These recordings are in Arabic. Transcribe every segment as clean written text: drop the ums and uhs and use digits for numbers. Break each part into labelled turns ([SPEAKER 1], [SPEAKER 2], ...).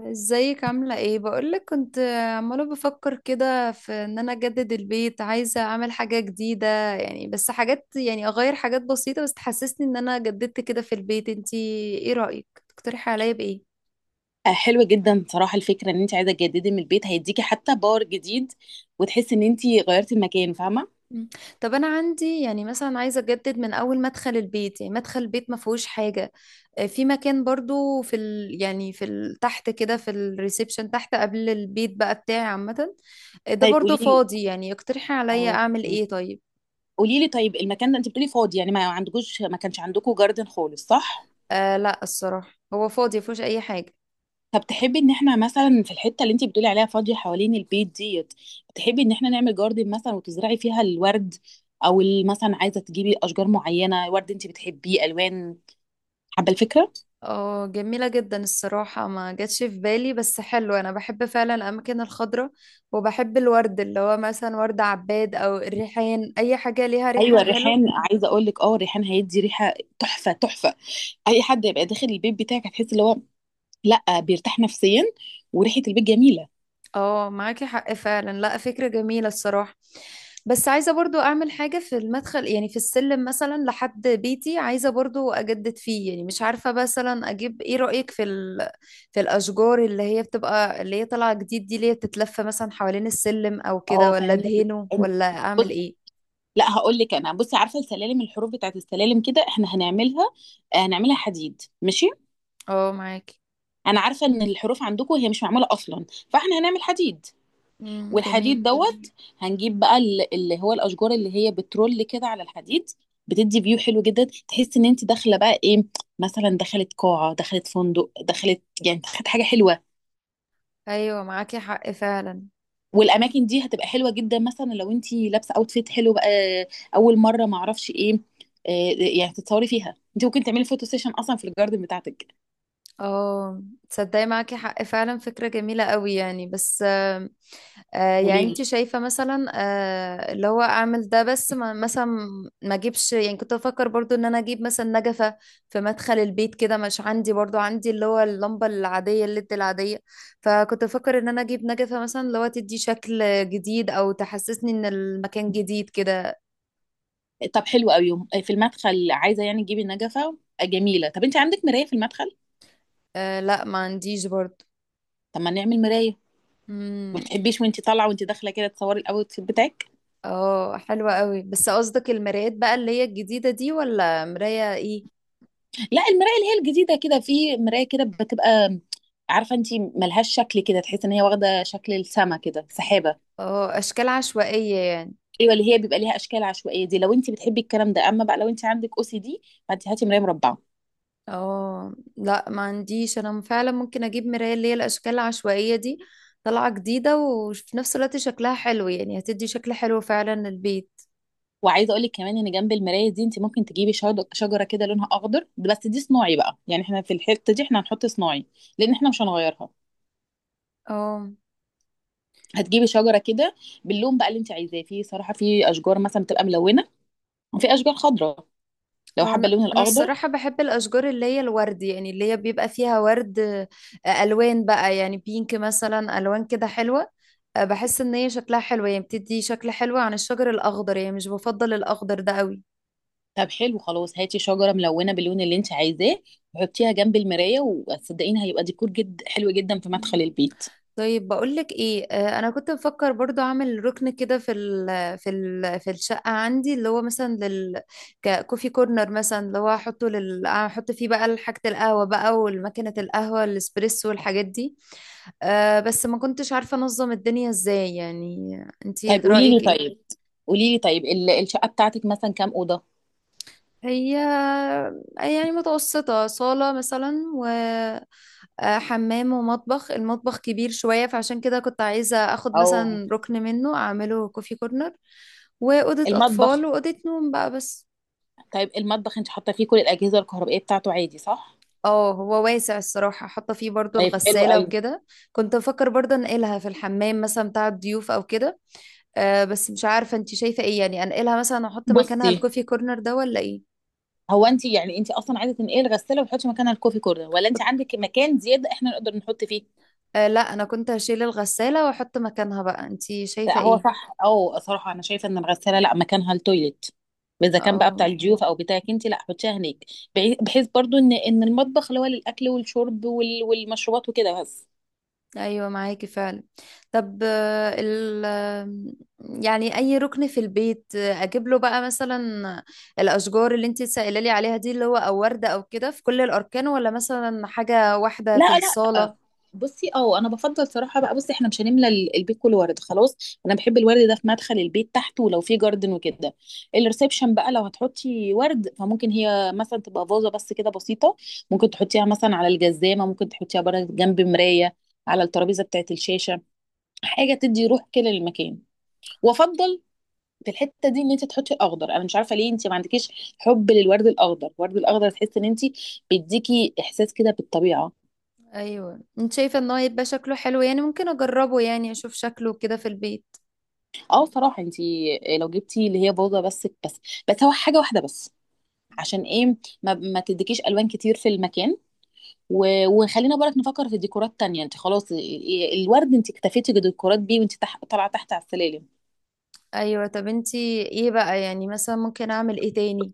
[SPEAKER 1] ازيك؟ عاملة ايه؟ بقولك كنت عمالة بفكر كده في ان انا اجدد البيت، عايزة اعمل حاجة جديدة يعني. بس حاجات يعني اغير حاجات بسيطة بس تحسسني ان انا جددت كده في البيت. انتي ايه رأيك؟ تقترحي عليا بايه؟
[SPEAKER 2] حلوة جدا صراحة، الفكرة ان انت عايزة تجددي من البيت هيديكي حتى باور جديد، وتحسي ان انت غيرتي المكان. فاهمة؟
[SPEAKER 1] مم. طب انا عندي يعني مثلا عايزة اجدد من اول مدخل البيت، يعني مدخل البيت ما فيهوش حاجة. في مكان برضو في ال تحت كده، في الريسبشن تحت قبل البيت بقى بتاعي عامة. ده
[SPEAKER 2] طيب،
[SPEAKER 1] برضو فاضي، يعني اقترحي عليا
[SPEAKER 2] اه
[SPEAKER 1] اعمل ايه طيب.
[SPEAKER 2] قولي لي طيب، المكان ده انت بتقولي فاضي، يعني ما عندكوش، ما كانش عندكوا جاردن خالص، صح؟
[SPEAKER 1] آه لا، الصراحة هو فاضي مفيهوش أي حاجة.
[SPEAKER 2] طب تحبي ان احنا مثلا في الحتة اللي انت بتقولي عليها فاضية حوالين البيت ديت، تحبي ان احنا نعمل جاردن مثلا وتزرعي فيها الورد؟ او مثلا عايزة تجيبي اشجار معينة، ورد انت بتحبيه، الوان. حابة الفكرة؟
[SPEAKER 1] اه جميلة جدا الصراحة، ما جاتش في بالي بس حلو. أنا بحب فعلا الأماكن الخضراء، وبحب الورد اللي هو مثلا ورد عباد أو الريحان، أي حاجة ليها
[SPEAKER 2] ايوه،
[SPEAKER 1] ريحة
[SPEAKER 2] الريحان،
[SPEAKER 1] حلوة.
[SPEAKER 2] عايزه اقول لك، الريحان هيدي ريحه تحفه تحفه. اي حد يبقى داخل البيت بتاعك هتحس اللي هو، لا، بيرتاح نفسيا وريحه البيت جميله.
[SPEAKER 1] اه معاكي حق فعلا. لا، فكرة جميلة الصراحة. بس عايزة برضو اعمل حاجة في المدخل، يعني في السلم مثلا لحد بيتي عايزة برضو اجدد فيه. يعني مش عارفة مثلا اجيب ايه، رأيك في الاشجار اللي هي طالعة جديد دي، اللي هي بتتلف مثلا حوالين السلم او كده،
[SPEAKER 2] اه
[SPEAKER 1] ولا
[SPEAKER 2] فاهمك.
[SPEAKER 1] ادهنه
[SPEAKER 2] أنت-
[SPEAKER 1] ولا اعمل
[SPEAKER 2] بص،
[SPEAKER 1] ايه؟
[SPEAKER 2] لا هقول لك انا، بصي، عارفه السلالم، الحروف بتاعت السلالم كده احنا هنعملها حديد، ماشي.
[SPEAKER 1] اه معاكي.
[SPEAKER 2] انا عارفه ان الحروف عندكم هي مش معموله اصلا، فاحنا هنعمل حديد. والحديد
[SPEAKER 1] جميل.
[SPEAKER 2] دوت هنجيب بقى اللي هو الاشجار اللي هي بترول كده على الحديد. بتدي فيو حلو جدا، تحس ان انت داخله بقى ايه، مثلا دخلت قاعه، دخلت فندق، دخلت يعني دخلت حاجه حلوه.
[SPEAKER 1] ايوه معاكي حق فعلا.
[SPEAKER 2] والاماكن دي هتبقى حلوه جدا، مثلا لو انت لابسه اوتفيت حلو بقى، اول مره ما اعرفش ايه، آه، يعني تتصوري فيها، انت ممكن تعملي فوتو سيشن اصلا في الجاردن بتاعتك.
[SPEAKER 1] اه، تصدقي معاكي حق فعلا، فكرة جميلة قوي يعني. بس يعني
[SPEAKER 2] قولي لي.
[SPEAKER 1] انت شايفة مثلا، اللي هو اعمل ده بس ما مثلا، ما اجيبش. يعني كنت بفكر برضو ان انا اجيب مثلا نجفة في مدخل البيت كده. مش عندي، برضو عندي اللي هو اللمبة العادية، الليد العادية. فكنت بفكر ان انا اجيب نجفة مثلا، اللي هو تدي شكل جديد او تحسسني ان المكان جديد كده.
[SPEAKER 2] طب حلو قوي، في المدخل عايزه يعني تجيبي نجفه، جميله. طب انت عندك مرايه في المدخل؟
[SPEAKER 1] أه لا، ما عنديش برضو.
[SPEAKER 2] طب ما نعمل مرايه؟ ما
[SPEAKER 1] امم.
[SPEAKER 2] بتحبيش وانت طالعه وانت داخله كده تصوري الاوت فيت بتاعك؟
[SPEAKER 1] اه حلوة قوي، بس قصدك المرايات بقى اللي هي الجديدة دي ولا مراية ايه؟
[SPEAKER 2] لا، المرايه اللي هي الجديده كده، في مرايه كده بتبقى، عارفه انت ملهاش شكل كده، تحس ان هي واخده شكل السما كده، سحابه.
[SPEAKER 1] اه، اشكال عشوائية يعني.
[SPEAKER 2] ايوه، اللي هي بيبقى ليها اشكال عشوائيه دي لو انت بتحبي الكلام ده. اما بقى لو انت عندك او سي دي فانت هاتي مرايه مربعه.
[SPEAKER 1] اه لا، ما عنديش انا فعلا. ممكن اجيب مراية اللي هي الاشكال العشوائية دي، طالعة جديدة وفي نفس الوقت شكلها حلو، يعني هتدي شكل حلو فعلا للبيت.
[SPEAKER 2] وعايزه اقول لك كمان ان جنب المرايه دي انت ممكن تجيبي شجره كده لونها اخضر، بس دي صناعي بقى، يعني احنا في الحته دي احنا هنحط صناعي لان احنا مش هنغيرها.
[SPEAKER 1] اه.
[SPEAKER 2] هتجيبي شجره كده باللون بقى اللي انت عايزاه، في صراحه في اشجار مثلا بتبقى ملونه، وفي اشجار خضراء لو
[SPEAKER 1] اه،
[SPEAKER 2] حابه
[SPEAKER 1] انا
[SPEAKER 2] اللون
[SPEAKER 1] انا
[SPEAKER 2] الاخضر.
[SPEAKER 1] الصراحة بحب الاشجار اللي هي الورد، يعني اللي هي بيبقى فيها ورد. الوان بقى، يعني بينك مثلا الوان كده حلوة. بحس ان هي شكلها حلو، يعني بتدي شكل حلو عن الشجر الاخضر، يعني مش بفضل الاخضر ده قوي.
[SPEAKER 2] طب حلو، خلاص هاتي شجره ملونه باللون اللي انت عايزاه وحطيها جنب المرايه، وصدقيني هيبقى ديكور جد حلو جدا في مدخل البيت.
[SPEAKER 1] طيب بقولك ايه، انا كنت بفكر برضو اعمل ركن كده في ال في ال في الشقه عندي، اللي هو مثلا ككوفي كورنر مثلا، اللي هو احطه، احط فيه بقى حاجه القهوه بقى، والماكينه القهوه الاسبريسو، والحاجات دي. بس ما كنتش عارفه انظم الدنيا ازاي يعني. انتي
[SPEAKER 2] طيب قولي لي
[SPEAKER 1] رايك ايه؟
[SPEAKER 2] طيب قولي لي طيب الشقه بتاعتك مثلا كام اوضه؟
[SPEAKER 1] هي يعني متوسطه، صاله مثلا، حمام ومطبخ. المطبخ كبير شوية، فعشان كده كنت عايزة اخد
[SPEAKER 2] او
[SPEAKER 1] مثلا ركن منه اعمله كوفي كورنر. وأوضة أطفال
[SPEAKER 2] المطبخ.
[SPEAKER 1] وأوضة نوم بقى بس.
[SPEAKER 2] طيب المطبخ انت حاطه فيه كل الاجهزه الكهربائيه بتاعته عادي، صح؟
[SPEAKER 1] اه، هو واسع الصراحة، حاطة فيه برضو
[SPEAKER 2] طيب حلو
[SPEAKER 1] الغسالة
[SPEAKER 2] قوي.
[SPEAKER 1] وكده. كنت بفكر برضو انقلها في الحمام مثلا بتاع الضيوف او كده. بس مش عارفة انتي شايفة ايه، يعني انقلها مثلا احط مكانها
[SPEAKER 2] بصي،
[SPEAKER 1] الكوفي كورنر ده ولا ايه؟
[SPEAKER 2] هو انت يعني انت اصلا عايزه تنقلي الغساله وتحطي مكانها الكوفي كورنر، ولا انت
[SPEAKER 1] كنت-
[SPEAKER 2] عندك مكان زياده احنا نقدر نحط فيه؟
[SPEAKER 1] آه لا، انا كنت هشيل الغسالة واحط مكانها بقى، انتي شايفة
[SPEAKER 2] لا، هو
[SPEAKER 1] ايه؟
[SPEAKER 2] صح او صراحه انا شايفه ان الغساله لا مكانها التويليت، اذا كان بقى بتاع
[SPEAKER 1] اه.
[SPEAKER 2] الضيوف او بتاعك انت، لا حطيها هناك. بحيث برضو ان المطبخ اللي هو للاكل والشرب والمشروبات وكده بس.
[SPEAKER 1] ايوه معاكي فعلا. طب آه، ال آه، يعني اي ركن في البيت اجيب له بقى مثلا الاشجار اللي انت سائله لي عليها دي، اللي هو او ورده او كده، في كل الاركان ولا مثلا حاجه واحده
[SPEAKER 2] لا،
[SPEAKER 1] في
[SPEAKER 2] لا،
[SPEAKER 1] الصاله؟
[SPEAKER 2] بصي، انا بفضل صراحه بقى، بصي احنا مش هنملى البيت كله ورد، خلاص، انا بحب الورد ده في مدخل البيت تحت ولو في جاردن وكده. الريسبشن بقى لو هتحطي ورد، فممكن هي مثلا تبقى فازه بس كده بسيطه، ممكن تحطيها مثلا على الجزامه، ممكن تحطيها بره جنب مرايه، على الترابيزه بتاعت الشاشه، حاجه تدي روح كده للمكان. وافضل في الحته دي ان انت تحطي اخضر، انا مش عارفه ليه انت ما عندكيش حب للورد الاخضر، الورد الاخضر تحس ان انت بيديكي احساس كده بالطبيعه.
[SPEAKER 1] ايوه، انت شايفه ان هو يبقى شكله حلو، يعني ممكن اجربه يعني اشوف شكله كده في البيت.
[SPEAKER 2] اه صراحه انت لو جبتي اللي هي بوضه بس، بس هو حاجه واحده بس. عشان ايه؟ ما تديكيش الوان كتير في المكان، وخلينا بالك نفكر في ديكورات تانية. انت خلاص الورد انت اكتفيتي بديكورات بيه، وانت طالعه تحت على السلالم.
[SPEAKER 1] ايوه. طب انت ايه بقى، يعني مثلا ممكن اعمل ايه تاني؟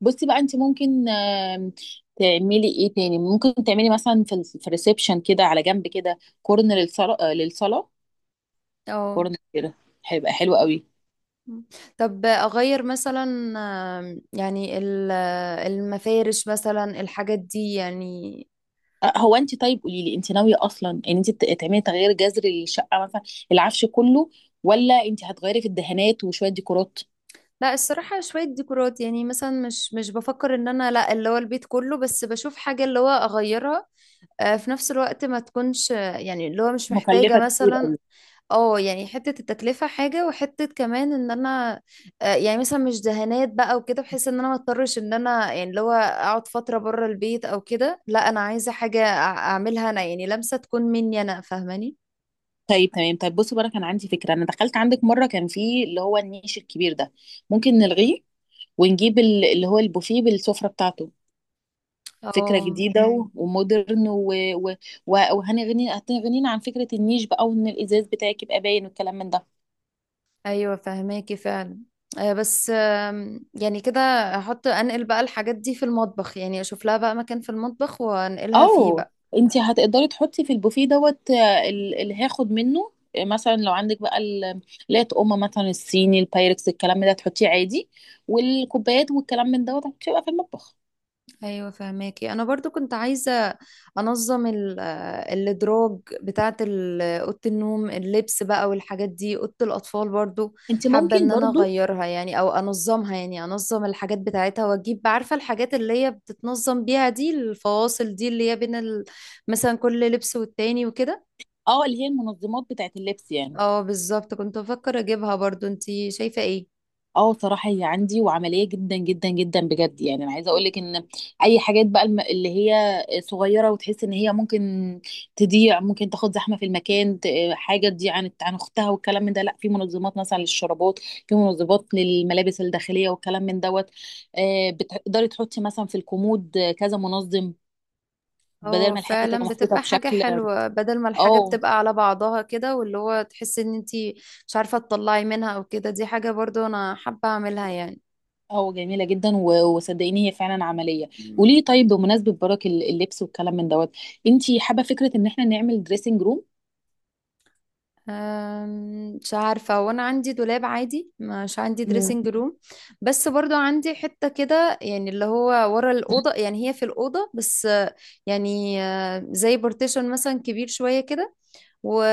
[SPEAKER 2] بصي بقى، انت ممكن تعملي ايه تاني؟ ممكن تعملي مثلا في الريسبشن كده على جنب كده كورن للصلاة، للصلاة
[SPEAKER 1] اه.
[SPEAKER 2] كورن كده، هيبقى حلو قوي.
[SPEAKER 1] مم. طب اغير مثلا، يعني المفارش مثلا، الحاجات دي يعني.
[SPEAKER 2] هو انت، طيب قولي لي، انت ناويه اصلا ان انت تعملي تغيير جذري للشقه؟ مثلا العفش كله، ولا انت هتغيري في الدهانات وشويه ديكورات
[SPEAKER 1] لا، الصراحة شوية ديكورات، يعني مثلا مش بفكر ان انا، لا اللي هو البيت كله، بس بشوف حاجة اللي هو اغيرها، في نفس الوقت ما تكونش، يعني اللي هو مش محتاجة
[SPEAKER 2] مكلفه كتير
[SPEAKER 1] مثلا.
[SPEAKER 2] قوي؟
[SPEAKER 1] اه، يعني حتة التكلفة حاجة، وحتة كمان ان انا، يعني مثلا مش دهانات بقى وكده، بحيث ان انا ما اضطرش ان انا يعني اللي هو اقعد فترة بره البيت او كده. لا، انا عايزة حاجة اعملها انا، يعني لمسة تكون مني انا، فاهماني؟
[SPEAKER 2] طيب تمام، طيب بصي بقى، انا كان عندي فكره، انا دخلت عندك مره كان في اللي هو النيش الكبير ده، ممكن نلغيه ونجيب اللي هو البوفيه بالسفره بتاعته. فكرة
[SPEAKER 1] اه.
[SPEAKER 2] جديدة ومودرن و... و... و- وهنغني هتغنينا عن فكرة النيش بقى، وان الازاز بتاعك يبقى باين والكلام من ده.
[SPEAKER 1] ايوه فاهماكي فعلا. بس يعني كده، انقل بقى الحاجات دي في المطبخ، يعني اشوف لها بقى مكان في المطبخ وانقلها فيه
[SPEAKER 2] او،
[SPEAKER 1] بقى.
[SPEAKER 2] انت هتقدري تحطي في البوفيه دوت، اللي هاخد منه، مثلا لو عندك بقى لا تقوم مثلا الصيني البايركس الكلام ده تحطيه عادي، والكوبايات والكلام من دوت هتبقى في المطبخ.
[SPEAKER 1] ايوه فهماكي. انا برضو كنت عايزه انظم الادراج بتاعه اوضه النوم، اللبس بقى والحاجات دي، اوضه الاطفال برضو.
[SPEAKER 2] انت
[SPEAKER 1] حابه
[SPEAKER 2] ممكن
[SPEAKER 1] ان انا
[SPEAKER 2] برضو،
[SPEAKER 1] اغيرها يعني او انظمها، يعني انظم الحاجات بتاعتها، واجيب عارفه الحاجات اللي هي بتتنظم بيها دي، الفواصل دي اللي هي بين مثلا كل لبس والتاني وكده.
[SPEAKER 2] اه اللي هي المنظمات بتاعت اللبس، يعني
[SPEAKER 1] اه بالظبط، كنت بفكر اجيبها برضو، انتي شايفه ايه؟
[SPEAKER 2] اه صراحة هي عندي وعملية جدا جدا جدا بجد، يعني انا عايزة اقولك ان اي حاجات بقى اللي هي صغيرة، وتحس ان هي ممكن تضيع، ممكن تاخد زحمة في المكان حاجة تضيع عن اختها والكلام من ده. لا، في منظمات مثلا للشرابات، في منظمات للملابس الداخلية والكلام من دوت. بتقدري تحطي مثلا في الكومود كذا منظم. بدل
[SPEAKER 1] اه
[SPEAKER 2] ما الحاجة تبقى
[SPEAKER 1] فعلا
[SPEAKER 2] محطوطة
[SPEAKER 1] بتبقى حاجة
[SPEAKER 2] بشكل،
[SPEAKER 1] حلوة، بدل ما الحاجة
[SPEAKER 2] اه
[SPEAKER 1] بتبقى على بعضها كده، واللي هو تحسي ان انتي مش عارفة تطلعي منها او كده. دي حاجة برضو انا حابة اعملها يعني.
[SPEAKER 2] اه جميلة جدا وصدقيني هي فعلا عملية.
[SPEAKER 1] مم.
[SPEAKER 2] وليه طيب، بمناسبة برك اللبس والكلام من دوت، انتي حابة فكرة ان احنا نعمل دريسنج روم؟
[SPEAKER 1] مش عارفة، وانا عندي دولاب عادي، مش عندي
[SPEAKER 2] مم.
[SPEAKER 1] دريسنج روم. بس برضو عندي حتة كده، يعني اللي هو ورا الأوضة، يعني هي في الأوضة بس، يعني زي بارتيشن مثلا كبير شوية كده، و...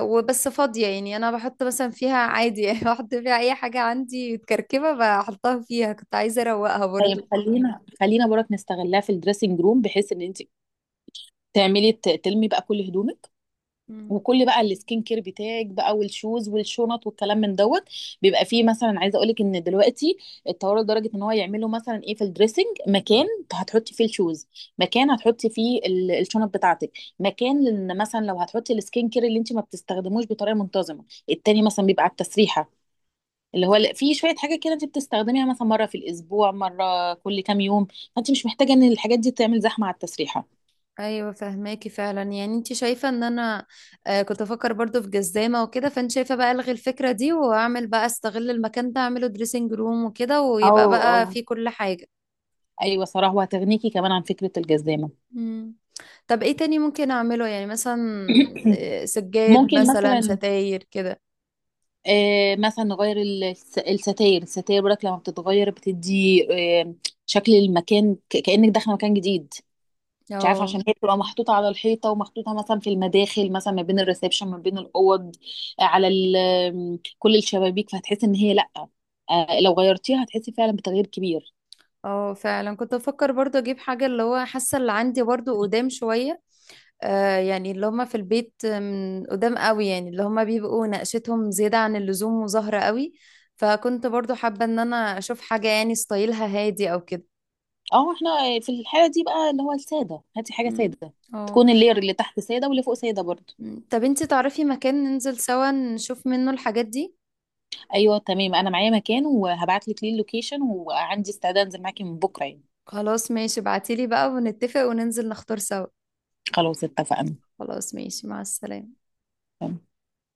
[SPEAKER 1] وبس فاضية يعني. أنا بحط مثلا فيها عادي يعني بحط فيها أي حاجة عندي متكركبة بحطها فيها، كنت عايزة أروقها برضو.
[SPEAKER 2] طيب خلينا برك نستغلها في الدريسنج روم، بحيث ان انتي تعملي تلمي بقى كل هدومك.
[SPEAKER 1] مم.
[SPEAKER 2] وكل بقى السكين كير بتاعك بقى والشوز والشنط والكلام من دوت. بيبقى فيه مثلا، عايزه اقول لك ان دلوقتي اتطوروا لدرجه ان هو يعملوا مثلا ايه في الدريسنج، مكان هتحطي فيه الشوز، مكان هتحطي فيه الشنط بتاعتك، مكان ان مثلا لو هتحطي السكين كير اللي انت ما بتستخدموش بطريقه منتظمه، التاني مثلا بيبقى على التسريحه، اللي هو في شويه حاجه كده انت بتستخدميها مثلا مره في الاسبوع، مره كل كام يوم، فانت مش محتاجه ان الحاجات دي تعمل زحمه على التسريحه.
[SPEAKER 1] ايوه فهماكي فعلا، يعني انت شايفه ان انا كنت افكر برضو في جزامه وكده، فانت شايفه بقى الغي الفكره دي واعمل بقى استغل المكان ده اعمله دريسنج روم وكده،
[SPEAKER 2] او
[SPEAKER 1] ويبقى
[SPEAKER 2] او
[SPEAKER 1] بقى فيه كل حاجه.
[SPEAKER 2] ايوه صراحه، وهتغنيكي كمان عن فكره الجزامه.
[SPEAKER 1] مم. طب ايه تاني ممكن اعمله، يعني مثلا سجاد
[SPEAKER 2] ممكن
[SPEAKER 1] مثلا،
[SPEAKER 2] مثلا،
[SPEAKER 1] ستاير كده.
[SPEAKER 2] مثلا نغير الستاير، الستاير برك لما بتتغير بتدي آه، شكل المكان، كأنك داخله مكان جديد. مش عارفه،
[SPEAKER 1] أو.
[SPEAKER 2] عشان هي بتبقى محطوطه على الحيطه، ومحطوطه مثلا في المداخل، مثلا ما بين الريسبشن ما بين الاوض، كل الشبابيك، فهتحس ان هي لا، لو غيرتيها هتحسي فعلا بتغيير كبير.
[SPEAKER 1] اه فعلا كنت بفكر برضو اجيب حاجة، اللي هو حاسة اللي عندي برضو قدام شوية، يعني اللي هما في البيت من قدام قوي، يعني اللي هما بيبقوا نقشتهم زيادة عن اللزوم وزهرة قوي. فكنت برضو حابة ان انا اشوف حاجة يعني ستايلها هادي او كده.
[SPEAKER 2] اه احنا، في الحاله دي بقى اللي هو الساده، هاتي حاجه
[SPEAKER 1] مم.
[SPEAKER 2] ساده،
[SPEAKER 1] اه.
[SPEAKER 2] تكون اللير اللي تحت ساده، واللي فوق ساده برضه.
[SPEAKER 1] مم. طب انتي تعرفي مكان ننزل سوا نشوف منه الحاجات دي؟
[SPEAKER 2] ايوه تمام، انا معايا مكان وهبعت لك ليه اللوكيشن، وعندي استعداد انزل معاكي من بكره يعني.
[SPEAKER 1] خلاص ماشي، ابعتيلي بقى ونتفق وننزل نختار سوا.
[SPEAKER 2] خلاص اتفقنا.
[SPEAKER 1] خلاص ماشي، مع السلامة.